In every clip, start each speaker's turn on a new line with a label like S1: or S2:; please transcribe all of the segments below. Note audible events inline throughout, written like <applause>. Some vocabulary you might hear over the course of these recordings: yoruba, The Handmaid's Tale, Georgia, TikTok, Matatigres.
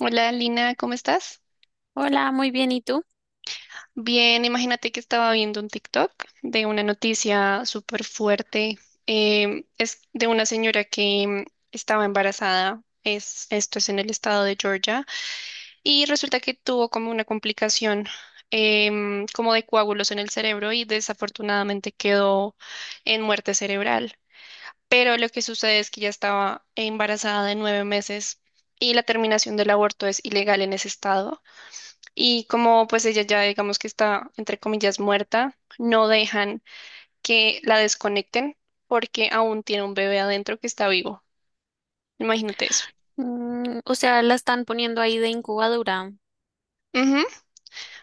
S1: Hola Lina, ¿cómo estás?
S2: Hola, muy bien, ¿y tú?
S1: Bien, imagínate que estaba viendo un TikTok de una noticia súper fuerte. Es de una señora que estaba embarazada, esto es en el estado de Georgia, y resulta que tuvo como una complicación como de coágulos en el cerebro y desafortunadamente quedó en muerte cerebral. Pero lo que sucede es que ya estaba embarazada de 9 meses y la terminación del aborto es ilegal en ese estado. Y como pues ella ya digamos que está entre comillas muerta, no dejan que la desconecten porque aún tiene un bebé adentro que está vivo. Imagínate eso.
S2: O sea, la están poniendo ahí de incubadora,
S1: Ujú.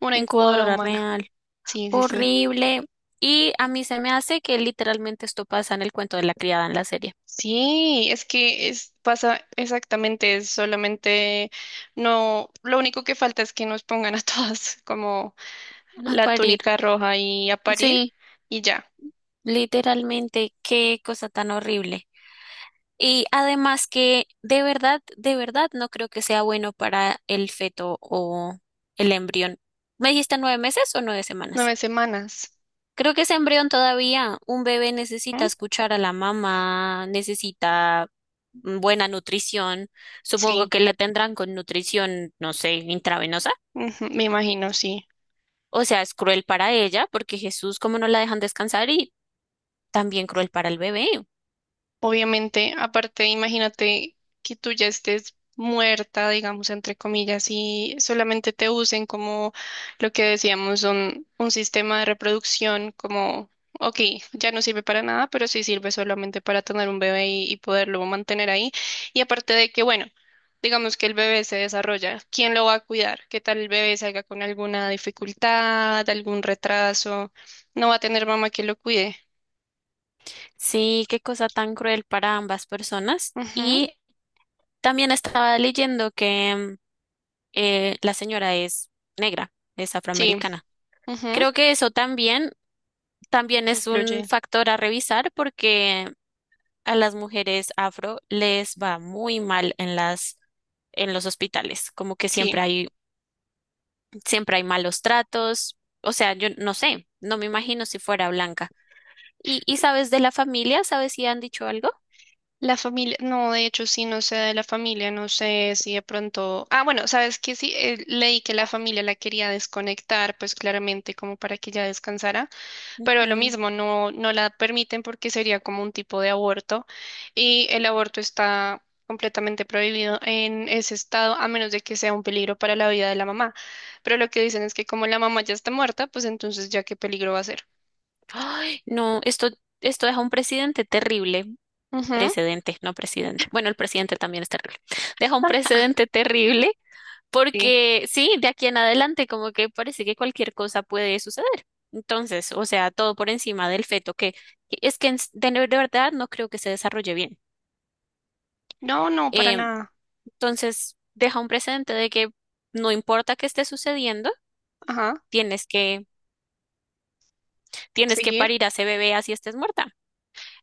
S1: Una incubadora
S2: incubadora
S1: humana.
S2: real,
S1: Sí, sí, sí.
S2: horrible. Y a mí se me hace que literalmente esto pasa en el cuento de la criada en la serie.
S1: Sí, es que es, pasa exactamente, es solamente no, lo único que falta es que nos pongan a todas <laughs> como
S2: <laughs> A
S1: la
S2: parir.
S1: túnica roja y a parir
S2: Sí,
S1: y ya,
S2: literalmente, qué cosa tan horrible. Y además que de verdad, no creo que sea bueno para el feto o el embrión. ¿Me dijiste 9 meses o 9 semanas?
S1: 9 semanas.
S2: Creo que ese embrión todavía, un bebé necesita
S1: ¿Mm?
S2: escuchar a la mamá, necesita buena nutrición. Supongo
S1: Sí,
S2: que la tendrán con nutrición, no sé, intravenosa.
S1: ujú, me imagino, sí.
S2: O sea, es cruel para ella, porque Jesús, como no la dejan descansar, y también cruel para el bebé.
S1: Obviamente, aparte, imagínate que tú ya estés muerta, digamos, entre comillas, y solamente te usen como lo que decíamos, un sistema de reproducción, como, ok, ya no sirve para nada, pero sí sirve solamente para tener un bebé y poderlo mantener ahí. Y aparte de que, bueno, digamos que el bebé se desarrolla, ¿quién lo va a cuidar? ¿Qué tal el bebé salga con alguna dificultad, algún retraso? No va a tener mamá que lo cuide.
S2: Sí, qué cosa tan cruel para ambas personas.
S1: Ujú.
S2: Y también estaba leyendo que la señora es negra, es
S1: Sí,
S2: afroamericana.
S1: ujú,
S2: Creo que eso también, es un
S1: influye.
S2: factor a revisar porque a las mujeres afro les va muy mal en los hospitales, como que
S1: Sí,
S2: siempre hay malos tratos, o sea, yo no sé, no me imagino si fuera blanca. ¿Y sabes de la familia? ¿Sabes si han dicho algo?
S1: la familia, no, de hecho sí, no sé de la familia, no sé si de pronto, ah, bueno, sabes que sí, leí que la familia la quería desconectar, pues claramente como para que ella descansara, pero lo
S2: Ujú.
S1: mismo, no, no la permiten porque sería como un tipo de aborto y el aborto está completamente prohibido en ese estado a menos de que sea un peligro para la vida de la mamá, pero lo que dicen es que como la mamá ya está muerta, pues entonces ya qué peligro va a ser.
S2: Ay, no, esto deja un presidente terrible.
S1: Ujú,
S2: Precedente, no presidente. Bueno, el presidente también es terrible. Deja un precedente terrible,
S1: sí.
S2: porque sí, de aquí en adelante como que parece que cualquier cosa puede suceder. Entonces, o sea, todo por encima del feto, que es que de verdad no creo que se desarrolle bien.
S1: No, no, para
S2: Eh,
S1: nada.
S2: entonces, deja un precedente de que no importa qué esté sucediendo,
S1: Ajá,
S2: tienes que, tienes que
S1: seguir.
S2: parir a ese bebé así estés muerta.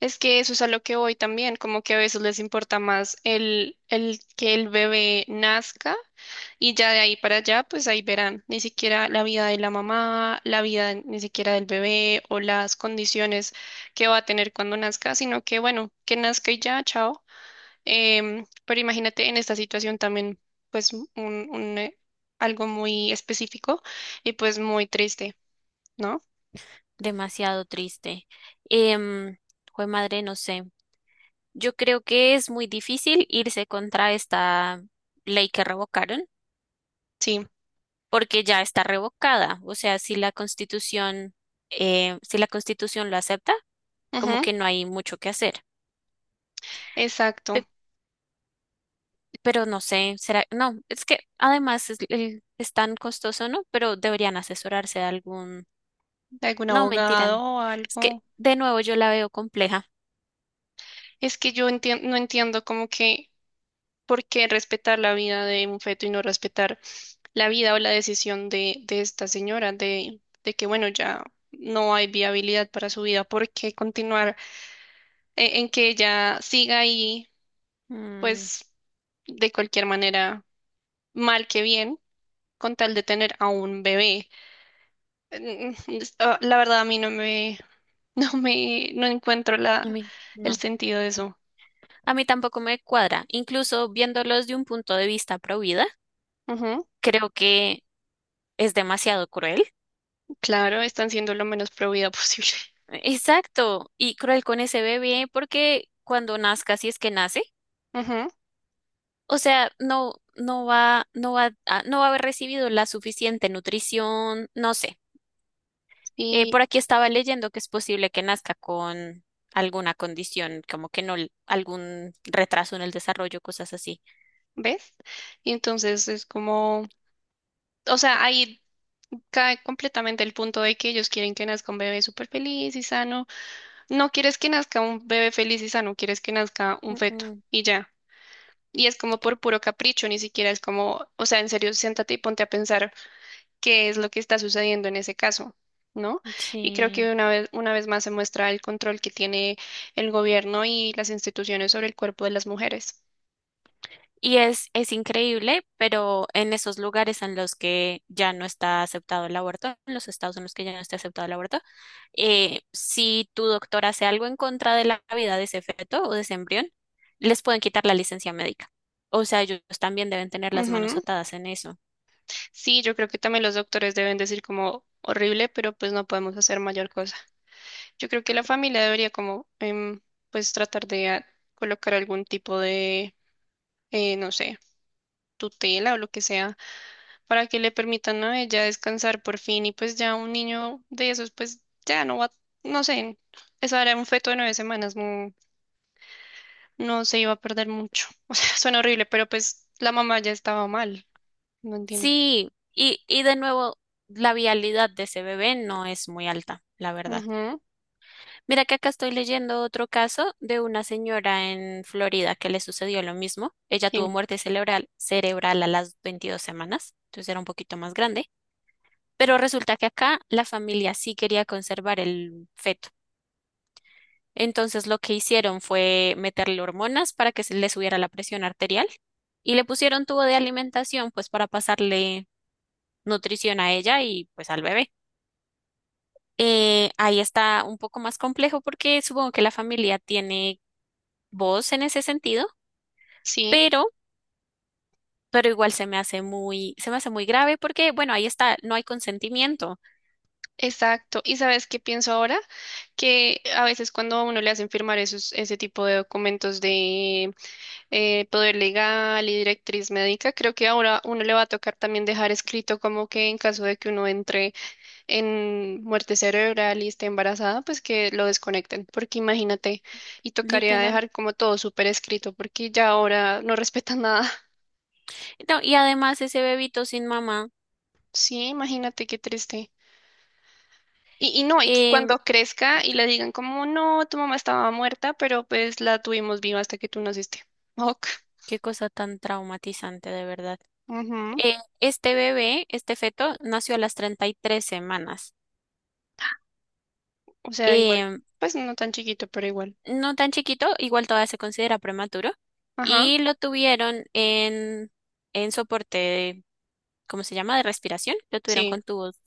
S1: Es que eso es a lo que voy también, como que a veces les importa más el que el bebé nazca y ya de ahí para allá, pues ahí verán, ni siquiera la vida de la mamá, la vida ni siquiera del bebé o las condiciones que va a tener cuando nazca, sino que bueno, que nazca y ya, chao. Pero imagínate en esta situación también, pues algo muy específico y pues muy triste, ¿no?
S2: Demasiado triste. Em, Jue madre, no sé. Yo creo que es muy difícil irse contra esta ley que revocaron
S1: Sí,
S2: porque ya está revocada. O sea, si la Constitución lo acepta, como
S1: ujú,
S2: que no hay mucho que hacer. Pe-
S1: exacto.
S2: pero no sé, será, no, es que además es tan costoso, ¿no? Pero deberían asesorarse de algún,
S1: De algún
S2: no, mentira,
S1: abogado
S2: no.
S1: o
S2: Es que
S1: algo.
S2: de nuevo yo la veo compleja.
S1: Es que no entiendo como que por qué respetar la vida de un feto y no respetar la vida o la decisión de esta señora, de que bueno, ya no hay viabilidad para su vida, ¿por qué continuar en que ella siga ahí,
S2: Mm,
S1: pues de cualquier manera, mal que bien, con tal de tener a un bebé? Mm, mm, La verdad a mí <laughs> no encuentro
S2: a
S1: la,
S2: mí,
S1: el
S2: no,
S1: sentido de eso.
S2: a mí tampoco me cuadra. Incluso viéndolos de un punto de vista pro vida,
S1: Ujú.
S2: creo que es demasiado cruel.
S1: Claro, están siendo lo menos pro vida <laughs> posible.
S2: Exacto, y cruel con ese bebé porque cuando nazca, si es que nace,
S1: Ajá,
S2: o sea, no, no va a haber recibido la suficiente nutrición, no sé.
S1: y
S2: Por aquí estaba leyendo que es posible que nazca con alguna condición, como que no, algún retraso en el desarrollo, cosas así.
S1: ves, y entonces es como, o sea, ahí cae completamente el punto de que ellos quieren que nazca un bebé súper feliz y sano. No quieres que nazca un bebé feliz y sano, quieres que nazca un
S2: Mm,
S1: feto
S2: mm,
S1: y ya. Y es como por puro capricho, ni siquiera es como, o sea, en serio, siéntate y ponte a pensar qué es lo que está sucediendo en ese caso, ¿no? Y creo
S2: sí.
S1: que una vez más se muestra el control que tiene el gobierno y las instituciones sobre el cuerpo de las mujeres.
S2: Y es increíble, pero en esos lugares en los que ya no está aceptado el aborto, en los estados en los que ya no está aceptado el aborto, si tu doctor hace algo en contra de la vida de ese feto o de ese embrión, les pueden quitar la licencia médica. O sea, ellos también deben tener las manos atadas en eso.
S1: Sí, yo creo que también los doctores deben decir como horrible, pero pues no podemos hacer mayor cosa. Yo creo que la familia debería como pues tratar de colocar algún tipo de, no sé, tutela o lo que sea para que le permitan a ella descansar por fin y pues ya un niño de esos pues ya no va, no sé, eso era un feto de 9 semanas, no, no se iba a perder mucho. <laughs> O sea, suena horrible, pero pues la mamá ya estaba mal, no entiendo.
S2: Sí, y de nuevo, la vialidad de ese bebé no es muy alta, la verdad.
S1: Ujú.
S2: Mira que acá estoy leyendo otro caso de una señora en Florida que le sucedió lo mismo. Ella tuvo
S1: Sí,
S2: muerte cerebral a las 22 semanas, entonces era un poquito más grande, pero resulta que acá la familia sí quería conservar el feto. Entonces lo que hicieron fue meterle hormonas para que se le subiera la presión arterial y le pusieron tubo de alimentación pues para pasarle nutrición a ella y pues al bebé. Ahí está un poco más complejo porque supongo que la familia tiene vos en ese sentido,
S1: sí.
S2: pero, pero igual se me hace muy, se me hace muy grave porque, bueno, ahí está, no hay consentimiento,
S1: Exacto. ¿Y sabes qué pienso ahora? Que a veces cuando a uno le hacen firmar esos, ese tipo de documentos de poder legal y directriz médica, creo que ahora uno le va a tocar también dejar escrito como que en caso de que uno entre en muerte cerebral y esté embarazada, pues que lo desconecten, porque imagínate, y tocaría
S2: literal.
S1: dejar como todo súper escrito, porque ya ahora no respetan nada. <laughs>
S2: No, y además ese bebito sin mamá,
S1: Sí, imagínate qué triste. Y no, y
S2: em,
S1: cuando crezca y le digan como, no, tu mamá estaba muerta, pero pues la tuvimos viva hasta que tú naciste. Ok.
S2: qué cosa tan traumatizante de verdad.
S1: Ujú.
S2: Este bebé, este feto, nació a las 33 semanas.
S1: O sea, igual,
S2: Em,
S1: pues no tan chiquito, pero igual.
S2: no tan chiquito, igual todavía se considera prematuro,
S1: Ajá,
S2: y lo tuvieron en soporte, ¿cómo se llama?, de respiración, lo tuvieron
S1: sí,
S2: con tubos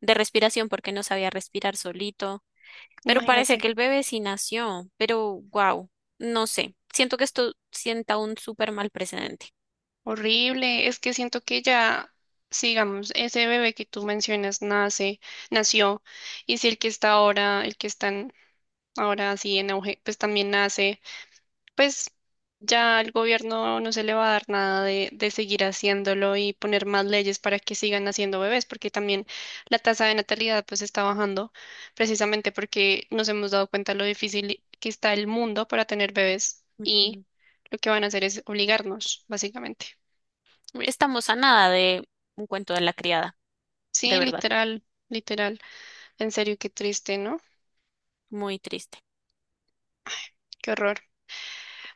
S2: de respiración porque no sabía respirar solito, pero
S1: imagínate.
S2: parece que el bebé sí nació, pero wow, no sé, siento que esto sienta un súper mal precedente.
S1: Horrible, es que siento que ya, sigamos, ese bebé que tú mencionas nace, nació, y si el que está ahora, el que están ahora así en auge, pues también nace. Pues ya al gobierno no se le va a dar nada de seguir haciéndolo y poner más leyes para que sigan haciendo bebés, porque también la tasa de natalidad pues está bajando, precisamente porque nos hemos dado cuenta lo difícil que está el mundo para tener bebés y
S2: Ujú.
S1: lo que van a hacer es obligarnos, básicamente.
S2: Estamos a nada de un cuento de la criada, de
S1: Sí,
S2: verdad,
S1: literal, literal. En serio, qué triste, ¿no?
S2: muy triste.
S1: Qué horror.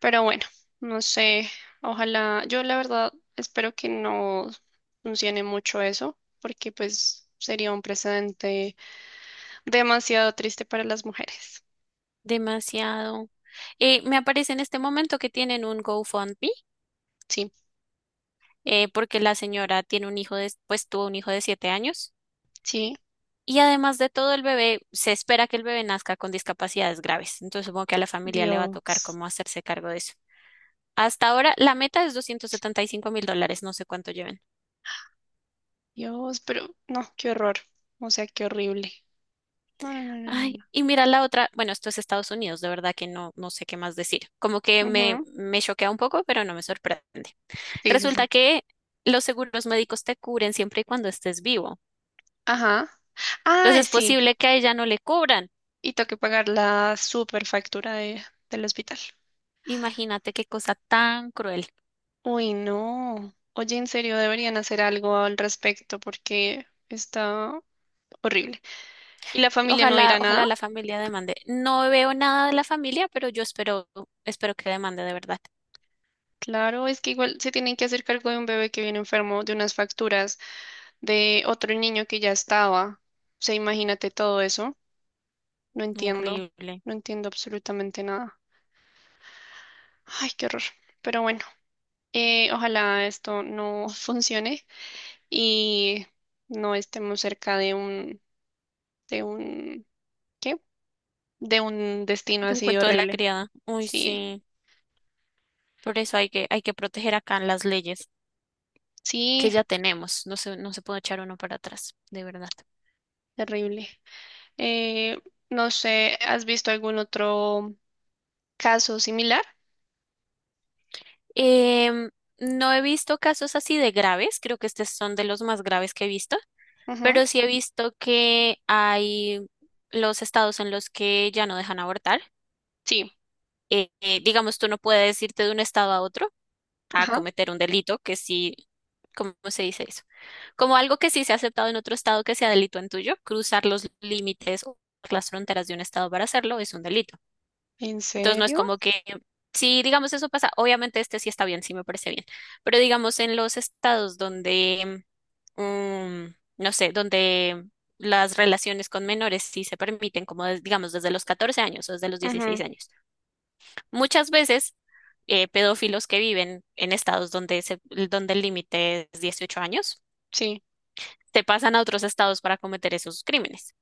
S1: Pero bueno, no sé, ojalá, yo la verdad espero que no funcione mucho eso, porque pues sería un precedente demasiado triste para las mujeres.
S2: Demasiado. Me aparece en este momento que tienen un GoFundMe,
S1: Sí,
S2: porque la señora tiene pues tuvo un hijo de 7 años.
S1: sí,
S2: Y además de todo, el bebé, se espera que el bebé nazca con discapacidades graves. Entonces, supongo que a la familia le va a tocar
S1: Dios,
S2: cómo hacerse cargo de eso. Hasta ahora, la meta es 275 mil dólares, no sé cuánto lleven.
S1: Dios, pero no, qué horror, o sea, qué horrible. No, no, no,
S2: Ay,
S1: no,
S2: y mira la otra, bueno, esto es Estados Unidos, de verdad que no, no sé qué más decir. Como que
S1: no. No. Ujú.
S2: me choquea un poco, pero no me sorprende.
S1: Sí, sí,
S2: Resulta
S1: sí.
S2: que los seguros médicos te cubren siempre y cuando estés vivo.
S1: Ajá.
S2: Entonces,
S1: Ah,
S2: es
S1: sí,
S2: posible que a ella no le cubran.
S1: y tengo que pagar la superfactura de, del hospital.
S2: Imagínate qué cosa tan cruel.
S1: Uy, no. Oye, en serio, deberían hacer algo al respecto porque está horrible. ¿Y la familia no dirá
S2: Ojalá,
S1: nada?
S2: ojalá la familia demande. No veo nada de la familia, pero yo espero, espero que demande de verdad.
S1: Claro, es que igual se tienen que hacer cargo de un bebé que viene enfermo, de unas facturas, de otro niño que ya estaba. O sea, imagínate todo eso. No entiendo.
S2: Horrible.
S1: No entiendo absolutamente nada. Ay, qué horror. Pero bueno, ojalá esto no <laughs> funcione y no estemos cerca de un, ¿qué? De un destino
S2: De un
S1: así
S2: cuento de la
S1: horrible.
S2: criada. Uy,
S1: Sí,
S2: sí. Por eso hay que proteger acá las leyes que
S1: sí,
S2: ya tenemos. No se puede echar uno para atrás, de verdad.
S1: terrible. Eh, no sé, ¿has visto algún otro caso similar?
S2: Em, no he visto casos así de graves. Creo que estos son de los más graves que he visto.
S1: Ujú.
S2: Pero sí he visto que hay los estados en los que ya no dejan abortar,
S1: Sí,
S2: digamos, tú no puedes irte de un estado a otro a
S1: ajá.
S2: cometer un delito que sí, ¿cómo se dice eso? Como algo que sí se ha aceptado en otro estado que sea delito en tuyo, cruzar los límites o las fronteras de un estado para hacerlo es un delito.
S1: ¿En
S2: Entonces no es
S1: serio?
S2: como que si digamos eso pasa, obviamente este sí está bien, sí me parece bien, pero digamos en los estados donde, mm, no sé, donde las relaciones con menores sí se permiten, como des- digamos desde los 14 años o desde los dieciséis
S1: Ujú.
S2: años. Muchas veces pedófilos que viven en estados donde, se- donde el límite es 18 años,
S1: Sí,
S2: se pasan a otros estados para cometer esos crímenes.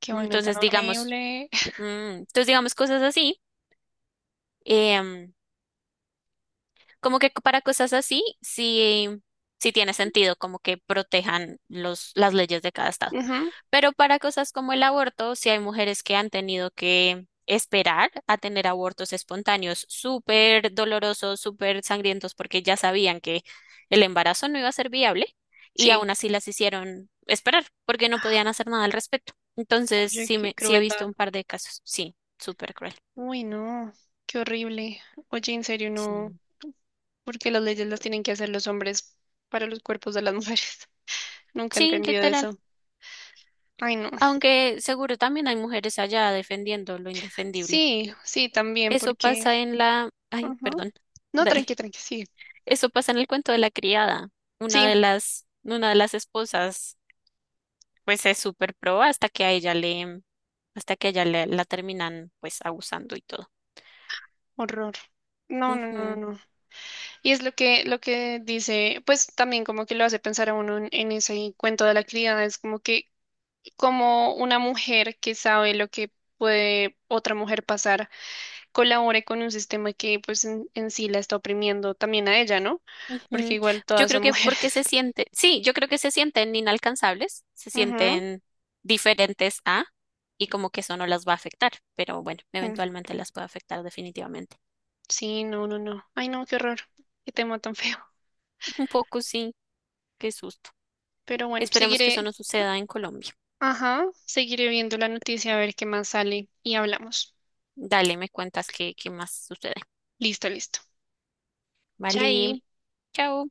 S1: qué bueno, tan
S2: Entonces, digamos,
S1: horrible.
S2: mm, entonces digamos cosas así. em, Como que para cosas así, sí, sí tiene
S1: <laughs>
S2: sentido, como que protejan los, las leyes de cada estado.
S1: Ujú.
S2: Pero para cosas como el aborto, sí hay mujeres que han tenido que esperar a tener abortos espontáneos súper dolorosos, súper sangrientos, porque ya sabían que el embarazo no iba a ser viable y aún
S1: Sí,
S2: así las hicieron esperar, porque no podían hacer nada al respecto. Entonces,
S1: oye,
S2: sí,
S1: qué
S2: sí he visto
S1: crueldad.
S2: un par de casos. Sí, súper cruel.
S1: Uy, no, qué horrible. Oye, en serio, no,
S2: Sí.
S1: porque las leyes las tienen que hacer los hombres para los cuerpos de las mujeres. <laughs> Nunca he
S2: Sí,
S1: entendido
S2: literal.
S1: eso. Ay, no.
S2: Aunque seguro también hay mujeres allá defendiendo lo indefendible.
S1: Sí, sí, también,
S2: Eso
S1: porque...
S2: pasa en la, ay,
S1: ujú.
S2: perdón. <laughs>
S1: No, tranqui,
S2: Dale.
S1: tranqui, sí.
S2: Eso pasa en el cuento de la criada.
S1: Sí,
S2: Una de las esposas, pues es súper pro hasta que a ella le, hasta que a ella le- la terminan, pues, abusando y todo.
S1: horror. No, no, no, no.
S2: Ujú,
S1: No. Y es lo que dice, pues también como que lo hace pensar a uno en ese cuento de la criada, es como que como una mujer que sabe lo que puede otra mujer pasar, colabore con un sistema que pues en sí la está oprimiendo también a ella, ¿no? Porque
S2: ujú.
S1: igual
S2: Yo
S1: todas
S2: creo
S1: son
S2: que porque
S1: mujeres.
S2: se siente, sí, yo creo que se sienten inalcanzables, se
S1: <laughs> Ujú.
S2: sienten diferentes a, y como que eso no las va a afectar, pero bueno,
S1: Mm.
S2: eventualmente las puede afectar definitivamente.
S1: Sí, no, no, no. Ay, no, qué horror. Qué tema tan feo.
S2: Un poco sí, qué susto.
S1: Pero bueno,
S2: Esperemos que eso
S1: seguiré,
S2: no suceda en Colombia.
S1: ajá, seguiré viendo la noticia a ver qué más sale y hablamos.
S2: Dale, me cuentas qué más sucede.
S1: Listo, listo.
S2: Vale,
S1: Chai.
S2: chao.